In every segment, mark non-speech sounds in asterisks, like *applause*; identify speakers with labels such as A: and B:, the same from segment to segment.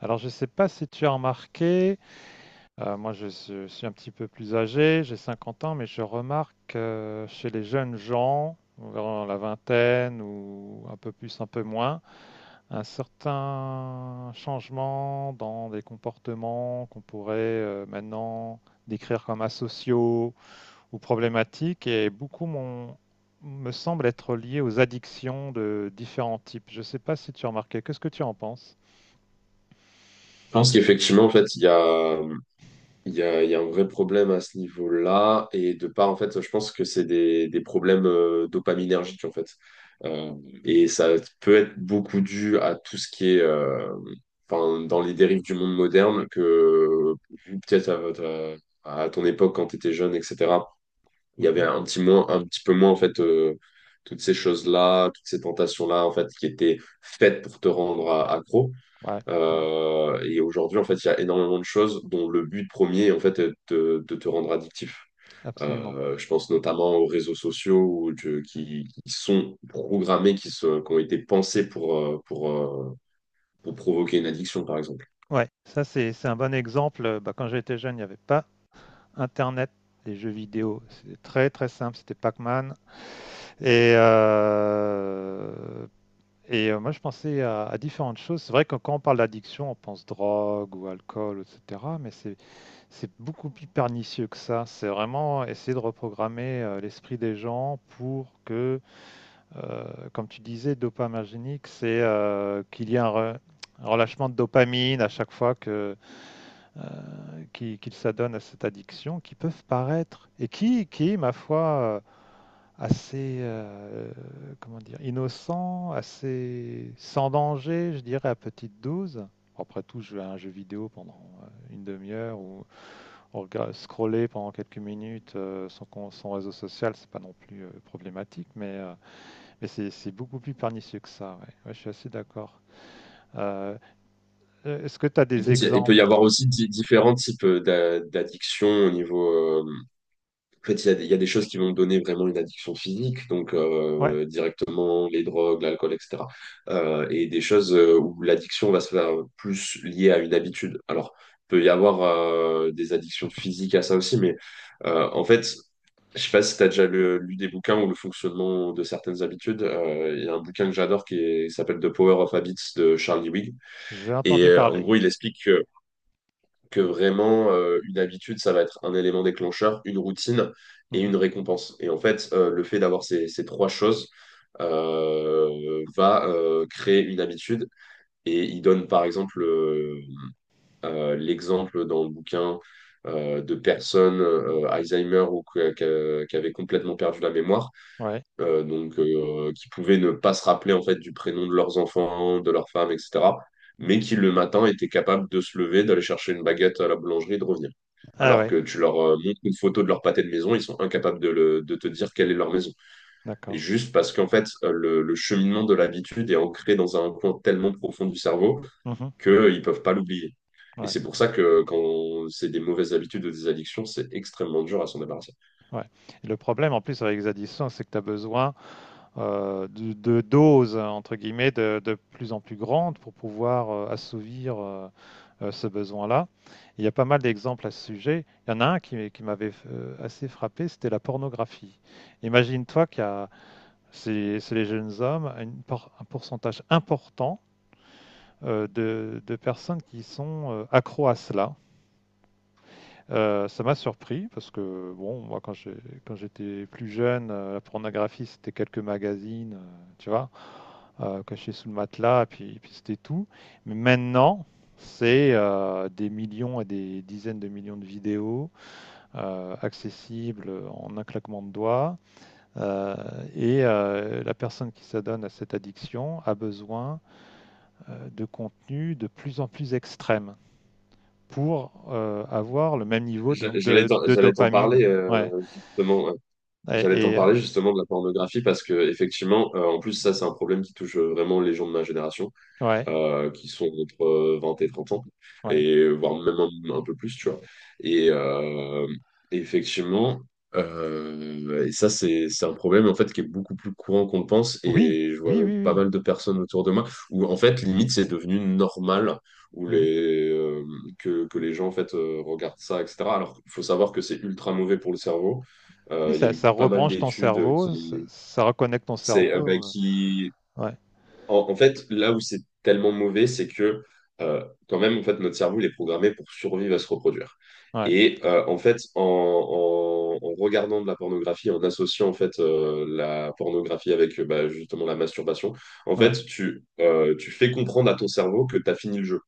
A: Alors, je ne sais pas si tu as remarqué, moi je, suis un petit peu plus âgé, j'ai 50 ans, mais je remarque chez les jeunes gens, vers la vingtaine ou un peu plus, un peu moins, un certain changement dans des comportements qu'on pourrait maintenant décrire comme asociaux ou problématiques et me semble être lié aux addictions de différents types. Je ne sais pas si tu as remarqué, qu'est-ce que tu en penses?
B: Je pense qu'effectivement, en fait, il y a, il y a, il y a un vrai problème à ce niveau-là. Et de part, en fait, je pense que c'est des problèmes dopaminergiques, en fait. Euh, et ça peut être beaucoup dû à tout ce qui est enfin, dans les dérives du monde moderne, que peut-être à votre, à ton époque, quand tu étais jeune, etc., il y avait
A: Mhm.
B: un petit, moins, un petit peu moins, en fait, toutes ces choses-là, toutes ces tentations-là, en fait, qui étaient faites pour te rendre accro.
A: Ouais, ouais,
B: Et aujourd'hui, en fait, il y a énormément de choses dont le but premier, en fait, est de te rendre addictif.
A: absolument.
B: Je pense notamment aux réseaux sociaux ou qui sont programmés, qui ont été pensés pour provoquer une addiction, par exemple.
A: Ouais, ça c'est un bon exemple. Bah, quand j'étais jeune, il y avait pas internet, les jeux vidéo, c'était très, très simple, c'était Pac-Man et heu et moi je pensais à différentes choses. C'est vrai que quand on parle d'addiction, on pense drogue ou alcool et cetera, mais c'est beaucoup plus pernicieux que ça. C'est vraiment essayer de reprogrammer, l'esprit des gens pour que, comme tu disais, dopaminergique, c'est, qu'il y ait un relâchement de dopamine à chaque fois que qui s'adonnent à cette addiction, qui peuvent paraître, et qui ma foi, assez, comment dire, innocent, assez sans danger, je dirais, à petite dose. Après tout, jouer à un jeu vidéo pendant une demi-heure ou scroller pendant quelques minutes son, réseau social, c'est pas non plus problématique, mais c'est beaucoup plus pernicieux que ça. Ouais. Ouais, je suis assez d'accord. Euh, Est-ce que tu as
B: Il peut
A: des
B: y il peut y
A: exemples?
B: avoir aussi différents types d'addictions au niveau. euh, En fait, il y a des choses qui vont donner vraiment une addiction physique, donc
A: Ouais.
B: directement les drogues, l'alcool, etc. Et des choses où l'addiction va se faire plus liée à une habitude. Alors, il peut y avoir des addictions physiques à ça aussi, mais en fait, je sais pas si tu as déjà lu des bouquins ou le fonctionnement de certaines habitudes. Il y a un bouquin que j'adore qui s'appelle The Power of Habits de Charles Duhigg.
A: J'ai
B: Et
A: entendu
B: en
A: parler.
B: gros, il explique que
A: Mmh.
B: vraiment une habitude, ça va être un élément déclencheur, une routine et
A: Mmh.
B: une récompense. Et en fait, le fait d'avoir ces trois choses va créer une habitude. Et il donne par exemple l'exemple dans le bouquin de personnes Alzheimer ou qui avaient complètement perdu la mémoire,
A: Ouais.
B: donc qui pouvaient ne pas se rappeler en fait du prénom de leurs enfants, de leurs femmes, etc., mais qui le matin étaient capables de se lever, d'aller chercher une baguette à la boulangerie et de revenir.
A: Ah
B: Alors
A: ouais,
B: que tu leur montres une photo de leur pâté de maison, ils sont incapables de te dire quelle est leur maison. Et
A: d'accord.
B: juste parce qu'en fait, le cheminement de l'habitude est ancré dans un coin tellement profond du cerveau
A: Mmh.
B: qu'ils ne peuvent pas l'oublier. Et
A: Ouais,
B: c'est pour ça que quand c'est des mauvaises habitudes ou des addictions, c'est extrêmement dur à s'en débarrasser.
A: ouais. Et le problème en plus avec les addictions, c'est que tu as besoin, de «doses» entre guillemets de plus en plus grandes pour pouvoir, assouvir, ce besoin-là. Il y a pas mal d'exemples à ce sujet. Il y en a un qui m'avait f assez frappé, c'était la pornographie. Imagine-toi qu'il y a c'est les jeunes hommes, une por un pourcentage important de personnes qui sont accros à cela. Ça m'a surpris parce que, bon, moi, quand j'étais plus jeune, la pornographie, c'était quelques magazines, tu vois, cachés sous le matelas, puis c'était tout. Mais maintenant, c'est des millions et des dizaines de millions de vidéos accessibles en un claquement de doigts. Euh, et la personne qui s'adonne à cette addiction a besoin de contenu de plus en plus extrême, pour avoir le même niveau
B: J'a-
A: donc,
B: J'allais
A: de,
B: t'en
A: de
B: j'allais t'en
A: dopamine.
B: parler
A: Ouais.
B: justement. J'allais
A: Et,
B: t'en
A: et, euh,
B: parler justement de la pornographie parce que effectivement, en plus ça c'est un problème qui touche vraiment les gens de ma génération
A: ouais,
B: qui sont entre 20 et 30 ans,
A: ouais.
B: et voire même un peu plus, tu vois. Et effectivement, et ça, c'est un problème en fait qui est beaucoup plus courant qu'on le pense,
A: Oui,
B: et je vois
A: oui,
B: pas
A: oui,
B: mal de personnes autour de moi où en fait, limite, c'est devenu normal où
A: oui. Mhm.
B: que les gens en fait regardent ça, etc. Alors, il faut savoir que c'est ultra mauvais pour le cerveau.
A: Oui,
B: Il y a
A: ça,
B: eu
A: ça
B: pas mal
A: rebranche ton
B: d'études
A: cerveau, ça,
B: qui,
A: ça reconnecte ton
B: c'est, bah,
A: cerveau.
B: qui
A: Ouais,
B: en, fait, là où c'est tellement mauvais, c'est que euh, quand même, en fait, notre cerveau, il est programmé pour survivre à se reproduire.
A: ouais,
B: Et en fait, en regardant de la pornographie, en associant en fait la pornographie avec bah, justement la masturbation, en fait,
A: ouais.
B: tu fais comprendre à ton cerveau que tu as fini le jeu.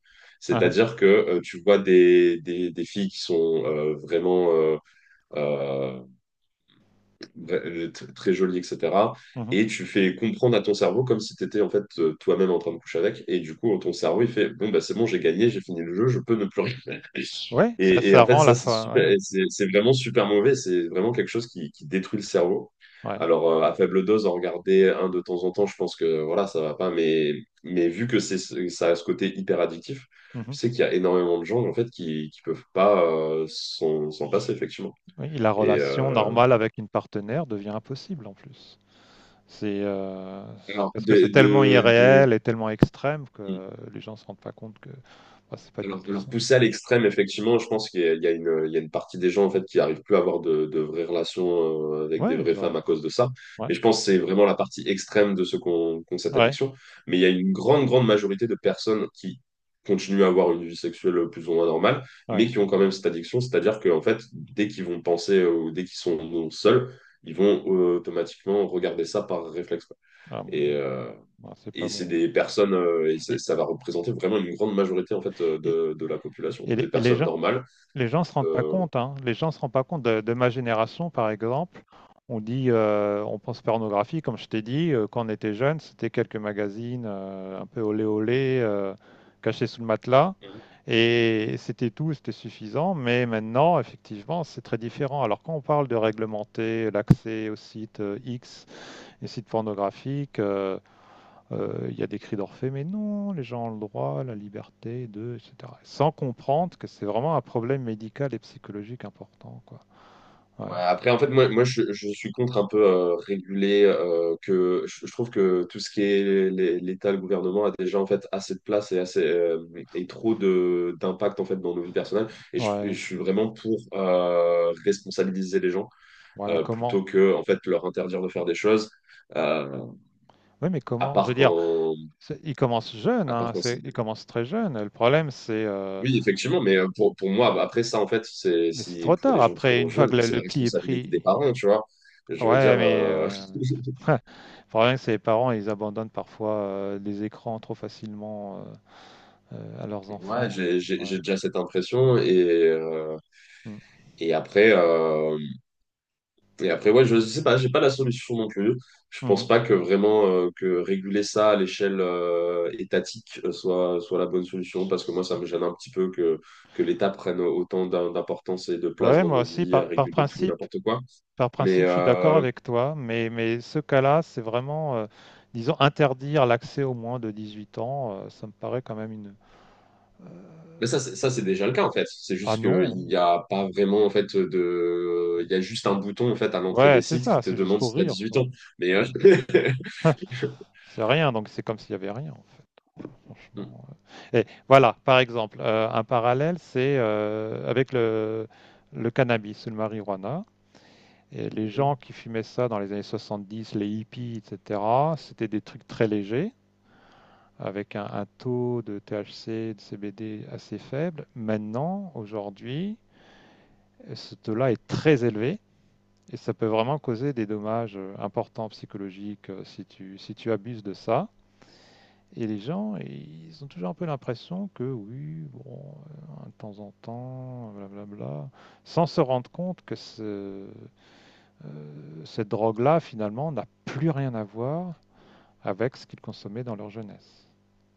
A: Uhum,
B: C'est-à-dire que tu vois des filles qui sont vraiment euh, très joli, etc.
A: mhm.
B: Et tu fais comprendre à ton cerveau comme si tu étais en fait toi-même en train de coucher avec. Et du coup, ton cerveau, il fait, bon, bah, c'est bon, j'ai gagné, j'ai fini le jeu, je peux ne plus rien.
A: Ouais, ça,
B: Et
A: ça
B: en fait,
A: rend la
B: ça, c'est super,
A: fin.
B: et c'est vraiment super mauvais. C'est vraiment quelque chose qui détruit le cerveau.
A: Ouais, ouais.
B: Alors, à faible dose, en regarder un de temps en temps, je pense que voilà, ça va pas. Mais vu que ça a ce côté hyper addictif, je
A: Mhm.
B: sais qu'il y a énormément de gens en fait qui peuvent pas s'en passer, effectivement.
A: Oui, la
B: Et
A: relation
B: euh,
A: normale avec une partenaire devient impossible en plus. C'est euh, c'est
B: alors,
A: parce que c'est
B: des,
A: tellement
B: de- des-
A: irréel et tellement extrême que les gens se rendent pas compte que bah, c'est pas du
B: Alors, de
A: tout
B: leur
A: ça.
B: pousser à l'extrême, effectivement, je pense qu'il y a une partie des gens en fait qui n'arrivent plus à avoir de vraies relations avec des
A: Ouais,
B: vraies femmes à cause de ça.
A: ouais,
B: Mais je pense que c'est vraiment la partie extrême de ceux qui ont cette
A: ouais.
B: addiction. Mais il y a une grande, grande majorité de personnes qui continuent à avoir une vie sexuelle plus ou moins normale, mais
A: Ouais.
B: qui ont quand même cette addiction. C'est-à-dire que en fait, dès qu'ils vont penser ou dès qu'ils sont seuls, ils vont automatiquement regarder ça par réflexe, quoi.
A: Ah mon Dieu.
B: Et, euh,
A: Ah, c'est pas
B: et c'est
A: bon,
B: des
A: hein.
B: personnes, et ça,
A: Et
B: ça va représenter vraiment une grande majorité en fait
A: et
B: de la population,
A: et les
B: des
A: et les
B: personnes
A: gens
B: normales.
A: les gens se rendent pas
B: Euh,
A: compte, hein. Les gens se rendent pas compte de ma génération, par exemple. On dit, on pense pornographie, comme je t'ai dit, quand on était jeune, c'était quelques magazines, un peu olé olé, cachés sous le matelas
B: Mhm.
A: et c'était tout, c'était suffisant. Mais maintenant, effectivement, c'est très différent. Alors quand on parle de réglementer l'accès aux sites, X, les sites pornographiques. Il y a des cris d'Orphée, mais non, les gens ont le droit, la liberté de, etc. Sans comprendre que c'est vraiment un problème médical et psychologique important, quoi. Ouais,
B: Ouais, après, en fait, moi je suis contre un peu réguler, que je trouve que tout ce qui est l'État, le gouvernement a déjà en fait assez de place et assez et trop de d'impact en fait dans nos vies personnelles. Et je, et
A: ouais,
B: je suis vraiment pour responsabiliser les gens
A: ouais, mais comment?
B: plutôt que en fait leur interdire de faire des choses. Euh,
A: Oui, mais
B: à
A: comment? Je veux
B: part
A: dire,
B: quand,
A: ils commencent jeunes,
B: à part
A: hein,
B: quand c'est
A: ils commencent très jeunes. Le problème,
B: Oui, effectivement, mais pour moi, bah, après ça, en fait, c'est
A: mais c'est
B: si
A: trop
B: pour
A: tard.
B: les gens qui
A: Après, une
B: commencent
A: fois
B: jeunes,
A: que le,
B: c'est
A: le
B: la
A: pli est
B: responsabilité des
A: pris,
B: parents, tu vois. Je veux
A: ouais,
B: dire,
A: mais *laughs* ouais. Le problème, c'est les parents, ils abandonnent parfois les écrans trop facilement à leurs
B: *laughs* ouais,
A: enfants.
B: j'ai j'ai-
A: Ouais.
B: j'ai déjà cette impression euh,
A: Mm.
B: et après, euh, et après, ouais, je sais pas, j'ai pas la solution non plus. Je pense pas que vraiment que réguler ça à l'échelle étatique soit la bonne solution parce que moi, ça me
A: Mhm.
B: gêne un petit peu que l'État prenne autant d'importance et de place
A: Ouais,
B: dans
A: moi
B: nos
A: aussi,
B: vies
A: par,
B: à
A: par
B: réguler tout et
A: principe,
B: n'importe quoi.
A: par
B: Mais,
A: principe, je suis d'accord
B: euh,
A: avec toi, mais ce cas-là, c'est vraiment, disons, interdire l'accès aux moins de 18 ans, ça me paraît quand même une.
B: Mais ça, c'est déjà le cas en fait. C'est
A: Ah
B: juste qu'il n'y
A: non,
B: a pas vraiment en fait de. Il y a juste un bouton en fait à l'entrée
A: ouais,
B: des
A: c'est
B: sites qui
A: ça,
B: te
A: c'est juste
B: demande
A: pour
B: si tu as
A: rire,
B: 8 ans.
A: quoi.
B: Mais
A: Ouais. *laughs*
B: *laughs*
A: C'est rien, donc c'est comme s'il y avait rien, enfin,
B: Mhm,
A: franchement. Ouais. Et voilà, par exemple, un parallèle, c'est avec le cannabis, le marijuana. Et les gens
B: mhm.
A: qui fumaient ça dans les années 70, les hippies, etc., c'était des trucs très légers, avec un taux de THC, de CBD assez faible. Maintenant, aujourd'hui, ce taux-là est très élevé et ça peut vraiment causer des dommages importants psychologiques si tu abuses de ça. Et les gens, ils ont toujours un peu l'impression que oui, bon, de temps en temps, blablabla, sans se rendre compte que cette drogue-là, finalement, n'a plus rien à voir avec ce qu'ils consommaient dans leur jeunesse.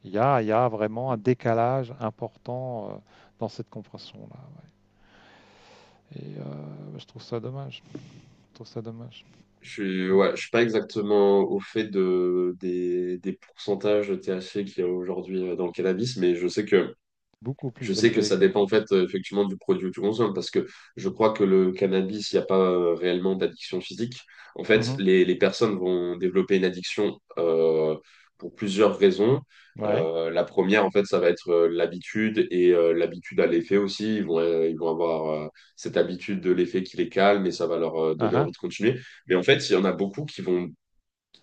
A: Il y a vraiment un décalage important dans cette compréhension-là. Ouais. Et bah, je trouve ça dommage. Je trouve ça dommage.
B: Je suis, ouais, je suis pas exactement au fait des pourcentages THC qu'il y a aujourd'hui dans le cannabis, mais je sais que
A: Beaucoup
B: Je
A: plus
B: sais que
A: élevé
B: ça dépend
A: qu'avant.
B: en fait effectivement du produit que tu consommes parce que je crois que le cannabis, il n'y a pas réellement d'addiction physique. En fait,
A: Mhm.
B: les personnes vont développer une addiction pour plusieurs raisons.
A: Ouais.
B: La première, en fait, ça va être l'habitude et l'habitude à l'effet aussi. Ils vont avoir cette habitude de l'effet qui les calme et ça va leur
A: Ah
B: donner
A: ah.
B: envie de continuer. Mais en fait, il y en a beaucoup qui vont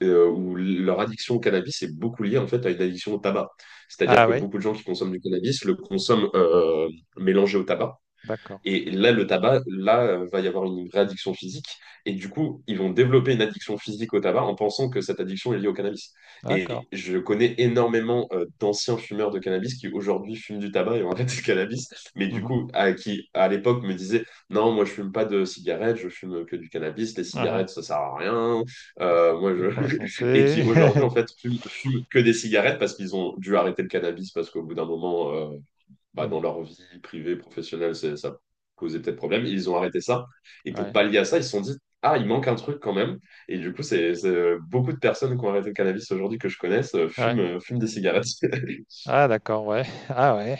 B: où leur addiction au cannabis est beaucoup liée en fait à une addiction au tabac. C'est-à-dire
A: Ah
B: que
A: oui.
B: beaucoup de gens qui consomment du cannabis le consomment mélangé au tabac.
A: D'accord.
B: Et là, le tabac, là, va y avoir une vraie addiction physique. Et du coup, ils vont développer une addiction physique au tabac en pensant que cette addiction est liée au cannabis.
A: D'accord.
B: Et je connais énormément d'anciens fumeurs de cannabis qui aujourd'hui fument du tabac et ont arrêté le cannabis, mais du
A: Mhm.
B: coup, qui à l'époque me disaient, non, moi, je fume pas de cigarettes, je fume que du cannabis, les
A: Ah
B: cigarettes, ça sert à rien.
A: ah. C'est
B: Moi,
A: mauvais pour la
B: je... *laughs* et
A: santé.
B: qui aujourd'hui, en
A: *laughs*
B: fait, fument que des cigarettes parce qu'ils ont dû arrêter le cannabis parce qu'au bout d'un moment, bah,
A: Hmm.
B: dans leur vie privée, professionnelle, ça posait peut-être problème. Ils ont arrêté ça. Et pour
A: Ouais.
B: pallier à ça, ils se sont dit, ah, il manque un truc quand même. Et du coup, beaucoup de personnes qui ont arrêté le cannabis aujourd'hui que je connaisse fument,
A: Ouais.
B: euh, fument des cigarettes. *laughs*
A: Ah d'accord. Ouais. Ah ouais.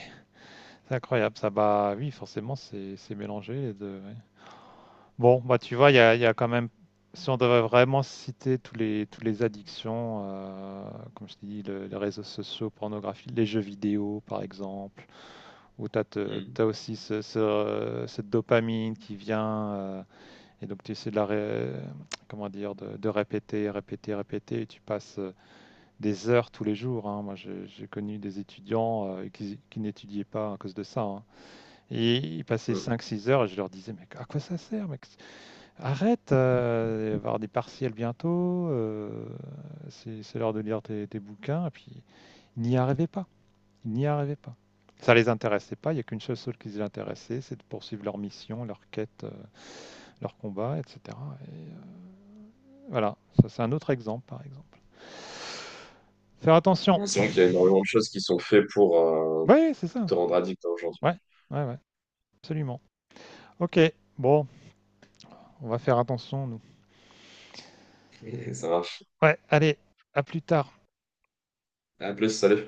A: C'est incroyable. Ça bah oui, forcément, c'est mélangé les deux. Ouais. Bon, bah tu vois, il y a quand même, si on devait vraiment citer tous les addictions, comme je t'ai dit, les réseaux sociaux, pornographie, les jeux vidéo par exemple, où tu
B: Mm.
A: as aussi cette dopamine qui vient, et donc tu essaies comment dire, de répéter, répéter, répéter, et tu passes des heures tous les jours, hein. Moi, j'ai connu des étudiants qui n'étudiaient pas à cause de ça, hein. Et ils passaient
B: Mm.
A: 5, 6 heures et je leur disais, mais à quoi ça sert, mec? Arrête, il va y avoir des partiels bientôt, c'est l'heure de lire tes bouquins, et puis ils n'y arrivaient pas, ils n'y arrivaient pas. Ça les intéressait pas, il n'y a qu'une seule chose qui les intéressait, c'est de poursuivre leur mission, leur quête, leur combat, etc. Et, voilà, ça c'est un autre exemple, par exemple. Faire attention.
B: Non, c'est vrai qu'il y a énormément de choses qui sont faites pour, euh,
A: Oui, c'est
B: pour
A: ça.
B: te rendre addict hein, aujourd'hui.
A: Ouais, ouais, ouais, absolument. Ok, bon, on va faire attention, nous.
B: Et ça marche.
A: Ouais, allez, à plus tard.
B: À plus, salut.